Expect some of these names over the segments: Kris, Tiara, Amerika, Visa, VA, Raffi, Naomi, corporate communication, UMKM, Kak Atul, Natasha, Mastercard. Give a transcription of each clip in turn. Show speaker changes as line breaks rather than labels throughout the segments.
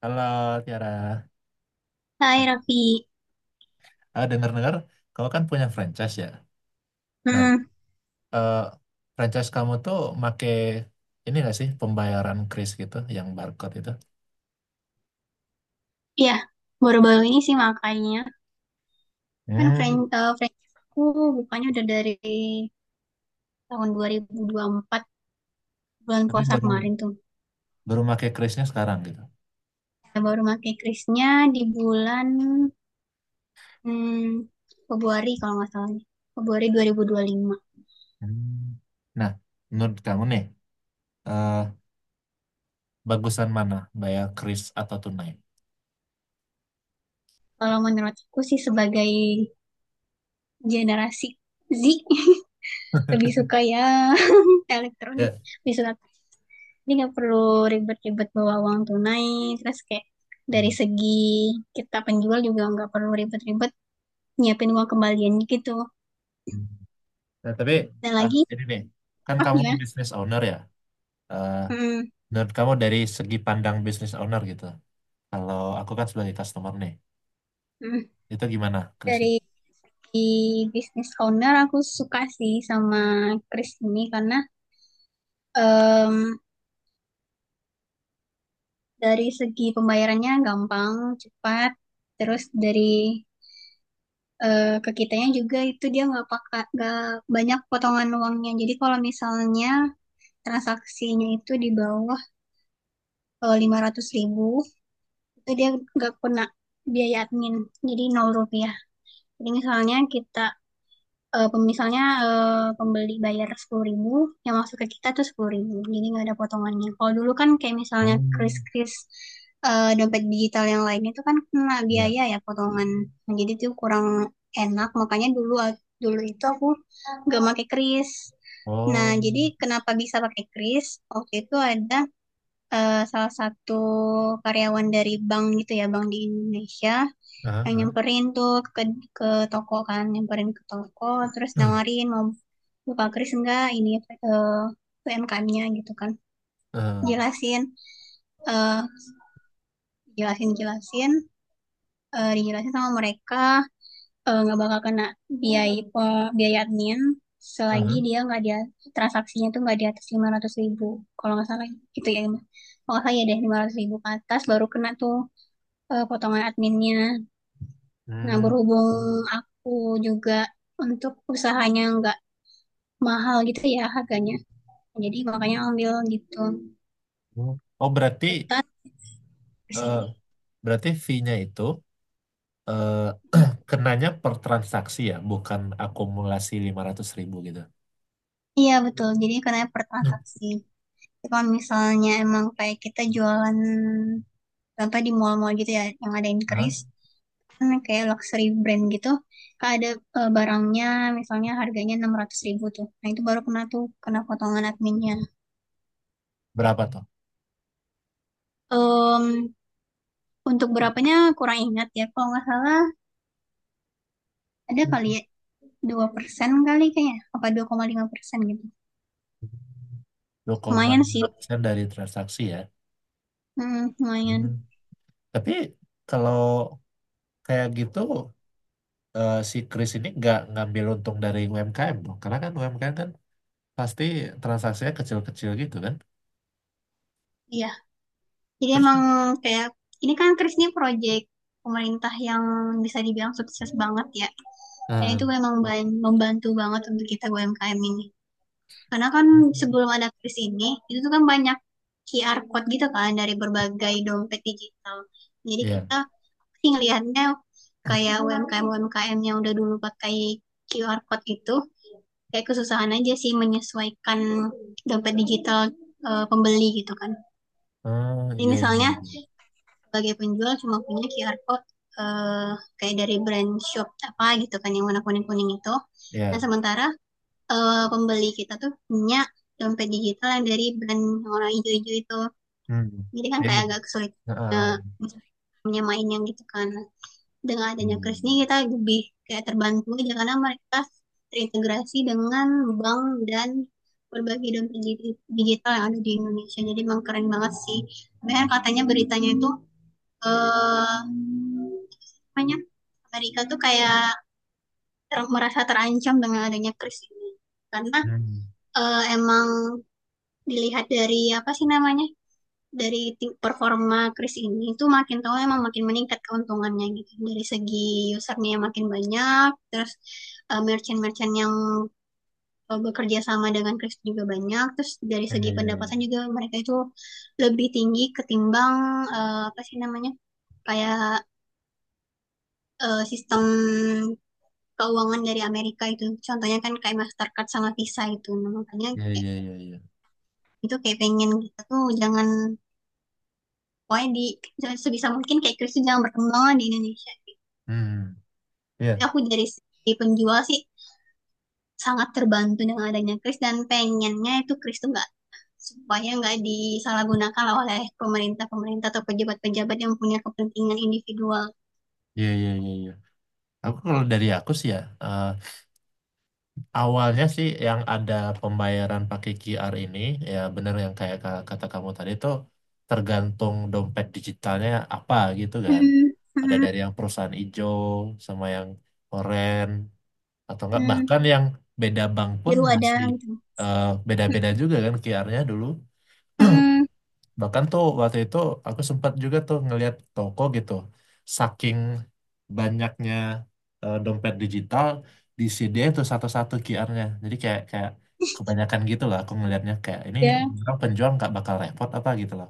Halo Tiara,
Hai Raffi,
dengar-dengar kamu kan punya franchise ya. Nah,
hmm,
eh, franchise kamu tuh make ini gak sih pembayaran kris gitu, yang barcode itu?
ya baru-baru ini sih makanya kan
Hmm.
franchise aku bukannya udah dari tahun dua ribu empat, bulan
Tapi
puasa
baru
kemarin tuh.
baru make krisnya sekarang gitu.
Saya baru pakai krisnya di bulan hmm, Februari kalau nggak salah nih. Februari 2025.
Hmm. Nah, menurut kamu nih, eh, bagusan mana, bayar kris atau tunai?
Kalau menurut aku sih sebagai generasi Z lebih suka ya elektronik,
Ya.
lebih suka. Jadi nggak perlu ribet-ribet bawa uang tunai. Terus kayak dari
Hmm.
segi kita penjual juga nggak perlu ribet-ribet nyiapin uang kembalian gitu.
Nah, tapi
Dan lagi,
ini nih, kan
oh
kamu
gimana?
business owner ya. Eh,
Hmm,
Menurut kamu dari segi pandang business owner gitu. Kalau aku kan sebagai customer nih.
hmm.
Itu gimana, Krisik?
Dari di bisnis owner aku suka sih sama Chris ini karena em, dari segi pembayarannya gampang, cepat, terus ke kitanya juga itu dia nggak banyak potongan uangnya. Jadi kalau misalnya transaksinya itu di bawah, kalau 500.000, itu dia nggak kena biaya admin, jadi Rp0. Jadi misalnya kita, misalnya, pembeli bayar 10.000, yang masuk ke kita tuh 10.000, jadi nggak ada potongannya. Kalau dulu kan kayak misalnya
Hmm,
kris-kris, dompet digital yang lain itu kan kena
ya.
biaya, ya, potongan. Nah, jadi tuh kurang enak, makanya dulu dulu itu aku nggak pakai kris. Nah,
Oh,
jadi kenapa bisa pakai kris, waktu itu ada salah satu karyawan dari bank gitu ya, bank di Indonesia,
ah,
yang
ah,
nyamperin tuh ke ke toko kan, nyamperin ke toko terus nawarin mau buka kris enggak ini, eh, UMKM-nya gitu kan.
ah,
Jelasin eh jelasin jelasin eh Dijelasin sama mereka, nggak bakal kena biaya admin selagi
ah,
dia nggak, dia transaksinya tuh nggak di atas 500.000, kalau nggak salah, gitu ya, kalau nggak salah ya deh, 500.000 ke atas baru kena tuh, potongan adminnya. Nah,
hmm,
berhubung aku juga untuk usahanya nggak mahal gitu ya harganya. Jadi makanya ambil gitu.
hmm. Oh, berarti
Ketat di
eh,
sini.
berarti fee-nya itu eh,
Hmm.
kenanya per transaksi ya, bukan akumulasi 500.000 gitu.
Iya, betul. Jadi karena per
Hmm.
transaksi. Tapi kalau misalnya emang kayak kita jualan, contoh di mall-mall gitu ya yang ada
Hah?
increase, kan kayak luxury brand gitu kan ada barangnya, misalnya harganya 600.000 tuh, nah itu baru kena tuh, kena potongan adminnya.
Berapa tuh?
Untuk berapanya kurang ingat ya. Kalau nggak salah ada kali ya 2% kali kayaknya. Apa 2,5% gitu.
dua koma
Lumayan sih.
enam persen dari transaksi ya. Hmm.
Lumayan.
Tapi kalau kayak gitu si Chris ini nggak ngambil untung dari UMKM dong, karena kan UMKM kan pasti transaksinya kecil-kecil gitu kan.
Iya. Jadi
Terus,
emang kayak ini kan Kris ini project pemerintah yang bisa dibilang sukses banget ya. Dan
nah,
itu memang membantu banget untuk kita UMKM ini. Karena kan sebelum ada Kris ini, itu tuh kan banyak QR code gitu kan dari berbagai dompet digital. Jadi
ya,
kita sih ngelihatnya kayak UMKM-UMKM yang udah dulu pakai QR code itu kayak kesusahan aja sih menyesuaikan dompet digital pembeli gitu kan.
oh,
Jadi
iya, iya,
misalnya
iya,
sebagai penjual cuma punya QR code, eh, kayak dari brand shop apa gitu kan yang warna kuning-kuning itu. Nah
iya.
sementara pembeli kita tuh punya dompet digital yang dari brand yang warna hijau-hijau itu.
Hmm,
Jadi kan
jadi,
kayak agak kesulitan
ah, ah,
eh, menyamainnya gitu kan. Dengan adanya Kris ini kita lebih kayak terbantu aja karena mereka terintegrasi dengan bank dan berbagai dompet digital yang ada di Indonesia. Jadi emang keren banget sih. Bahkan katanya beritanya itu, eh namanya Amerika tuh kayak merasa terancam dengan adanya Kris ini. Karena emang dilihat dari apa sih namanya? Dari tim performa Chris ini tuh makin tahu emang makin meningkat keuntungannya gitu. Dari segi usernya makin banyak, terus merchant-merchant yang bekerja sama dengan Chris juga banyak, terus dari segi pendapatan
ah.
juga mereka itu lebih tinggi ketimbang apa sih namanya? Kayak sistem keuangan dari Amerika itu. Contohnya kan kayak Mastercard sama Visa itu. Nah, makanya
Iya, iya, iya, hmm, iya, iya, iya, iya, iya, iya, iya.
itu kayak pengen kita tuh jangan, pokoknya di sebisa mungkin kayak Chrisye jangan berkembang di Indonesia.
Hmm,
Jadi
iya,
aku dari segi penjual sih sangat terbantu dengan adanya Kris, dan pengennya itu Kris tuh nggak, supaya nggak disalahgunakan oleh pemerintah-pemerintah atau pejabat-pejabat yang punya kepentingan individual.
iya, iya, iya, iya. Aku kalau dari aku sih ya, eh, awalnya sih yang ada pembayaran pakai QR ini, ya bener yang kayak kata kamu tadi tuh, tergantung dompet digitalnya apa gitu kan.
Hmm,
Ada
hmm,
dari yang perusahaan hijau sama yang oren, atau enggak
hmm.
bahkan yang beda bank pun
Biru ada
masih
gitu.
eh, beda-beda juga kan QR-nya dulu.
Hmm,
Bahkan tuh waktu itu aku sempat juga tuh ngelihat toko gitu, saking banyaknya dompet digital di CD itu satu-satu QR-nya, jadi kayak kayak kebanyakan gitu lah aku ngelihatnya, kayak ini
ya,
orang penjual nggak bakal repot apa gitu loh.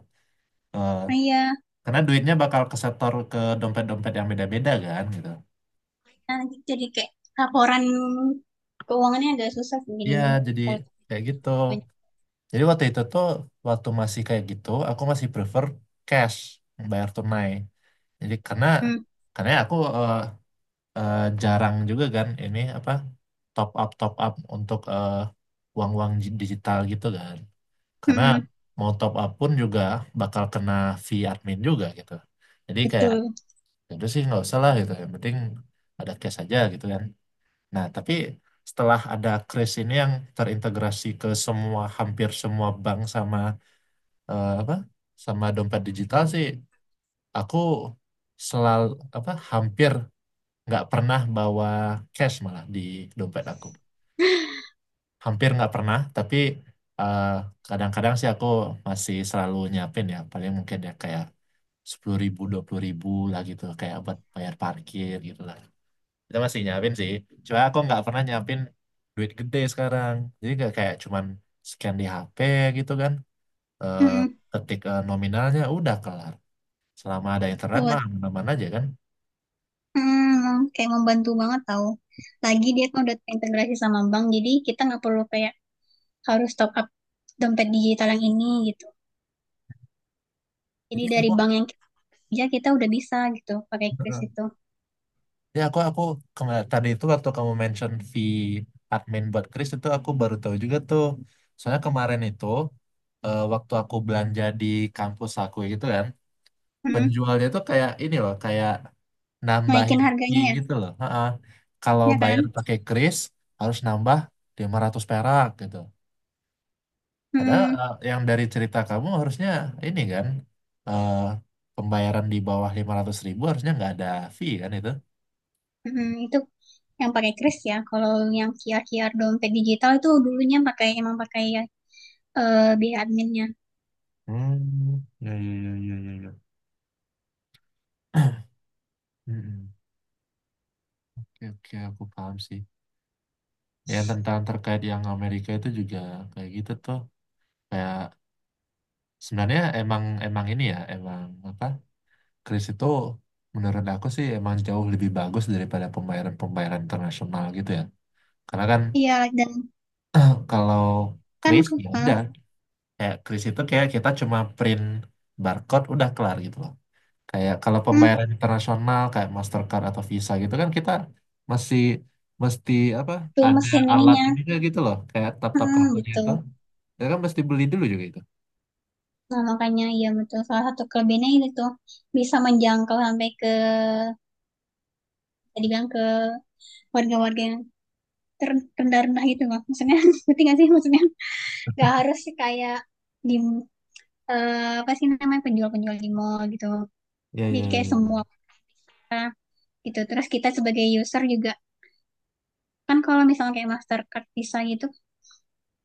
Eh,
ah, iya.
karena duitnya bakal kesetor ke dompet-dompet yang beda-beda kan gitu,
Nah, jadi kayak laporan keuangannya agak susah sih
ya
jadinya
jadi
kalau
kayak gitu.
banyak.
Jadi waktu itu tuh waktu masih kayak gitu aku masih prefer cash, bayar tunai. Jadi karena
Hmm,
karena aku jarang juga kan ini apa top up untuk uang-uang digital gitu kan. Karena
hmm,
mau top up pun juga bakal kena fee admin juga gitu. Jadi kayak
betul.
itu sih nggak usah lah gitu. Yang penting ada cash aja gitu kan. Nah tapi setelah ada Kris ini yang terintegrasi ke semua, hampir semua bank sama apa, sama dompet digital sih, aku selalu apa hampir nggak pernah bawa cash, malah di dompet aku hampir nggak pernah. Tapi eh, kadang-kadang sih aku masih selalu nyiapin ya, paling mungkin ya kayak 10.000 20.000 lah gitu kayak buat bayar parkir gitu lah. Kita masih nyiapin sih, cuma aku nggak pernah nyiapin duit gede sekarang, jadi nggak kayak, cuman scan di HP gitu kan, eh
Hmm,
ketik nominalnya udah kelar, selama ada internet
tuh.
mah aman-aman aja kan.
Kayak membantu banget tau. Lagi dia kan udah terintegrasi sama bank, jadi kita nggak perlu kayak harus top up dompet digital yang ini gitu. Jadi
Jadi
dari
aku,
bank yang kita kerja kita udah bisa gitu pakai kris itu.
ya aku tadi itu waktu kamu mention fee admin buat Chris itu aku baru tahu juga tuh, soalnya kemarin itu waktu aku belanja di kampus aku gitu kan,
Hmm,
penjualnya tuh kayak ini loh kayak
Naikin
nambahin
harganya
fee
ya,
gitu loh. Ha-ha. Kalau
ya kan?
bayar pakai Kris harus nambah 500 perak gitu. Padahal
Hmm.
yang dari cerita kamu harusnya ini kan eh, pembayaran di bawah 500.000 harusnya nggak ada fee kan itu?
Itu yang pakai kris ya. Kalau yang QR-QR dompet digital itu dulunya pakai emang pakai biaya adminnya.
Hmm, ya, ya, ya, ya, ya. Ya. Mm-mm. Oke, oke, aku paham sih. Yang tentang terkait yang Amerika itu juga kayak gitu tuh. Kayak sebenarnya emang emang ini ya, emang apa? Kris itu menurut aku sih emang jauh lebih bagus daripada pembayaran-pembayaran internasional gitu ya. Karena kan
Iya, dan
kalau
kan
kris ya udah. Kayak kris itu kayak kita cuma print barcode udah kelar gitu loh. Kayak kalau
hmm,
pembayaran internasional kayak Mastercard atau Visa gitu kan kita masih mesti apa
tuh
ada
mesin
alat
ininya.
ini juga gitu loh, kayak tap-tap
Hmm,
kartunya
gitu.
itu. Kita kan mesti beli dulu juga itu.
Nah, makanya ya betul, salah satu kelebihannya itu bisa menjangkau sampai ke, tadi bilang, ke warga-warga yang terendah-rendah gitu loh. Maksudnya ngerti nggak sih maksudnya, nggak harus sih kayak di apa sih namanya penjual-penjual di mall gitu.
Iya, iya,
Jadi kayak
ya,
semua
ya.
orang gitu. Terus kita sebagai user juga kan kalau misalnya kayak Mastercard Visa gitu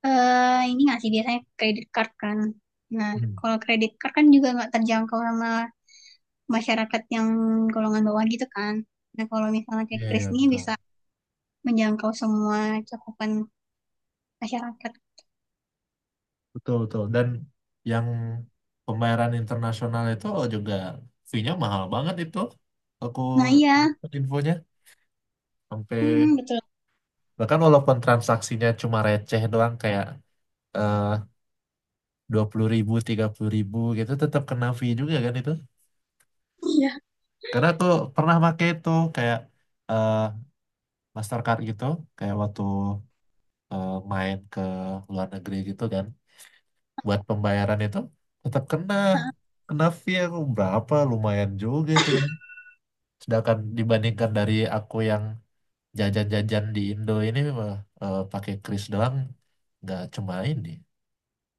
ini nggak sih biasanya kredit card kan. Nah,
Hmm.
kalau kredit card kan juga nggak terjangkau sama masyarakat yang golongan bawah gitu kan. Nah, kalau misalnya kayak
Iya,
Kris
iya,
nih
betul.
bisa menjangkau semua cakupan masyarakat.
Betul, betul. Dan yang pembayaran internasional itu juga fee-nya mahal banget itu. Aku
Nah, iya.
dapat infonya sampai
Hmm, betul.
bahkan walaupun transaksinya cuma receh doang, kayak eh, 20.000 30.000 gitu tetap kena fee juga kan itu,
Iya.
karena aku pernah pakai itu kayak eh, Mastercard gitu, kayak waktu main ke luar negeri gitu kan buat pembayaran itu tetap kena,
Heeh.
kena fee aku berapa lumayan juga itu kan. Sedangkan dibandingkan dari aku yang jajan-jajan di Indo ini mah, pakai kris doang, nggak cuma ini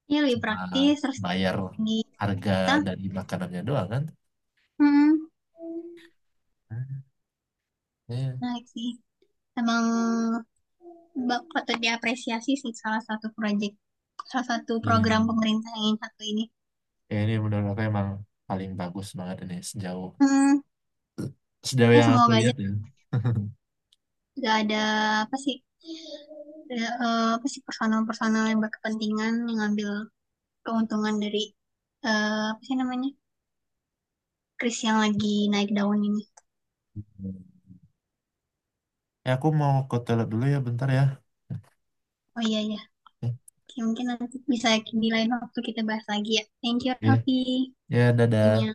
Ini lebih
cuma
praktis, terus
bayar
di
harga
kita.
dari makanannya doang kan.
Hmm,
Ya,
Menarik sih. Emang patut diapresiasi sih, salah satu proyek, salah satu
ya, ya.
program pemerintah yang satu ini.
Ya, ini menurut aku emang paling bagus banget ini sejauh
Hmm,
sejauh
Ya,
yang aku
semoga aja
lihat ya.
nggak ada apa sih, ada, apa sih personal-personal yang berkepentingan yang ngambil keuntungan dari apa sih namanya kris yang lagi naik daun ini.
Ya, aku mau ke toilet dulu ya, bentar ya.
Oh iya ya, mungkin nanti bisa di lain waktu kita bahas lagi ya. Thank you
Ya,
Raffi
ya, dadah.
punya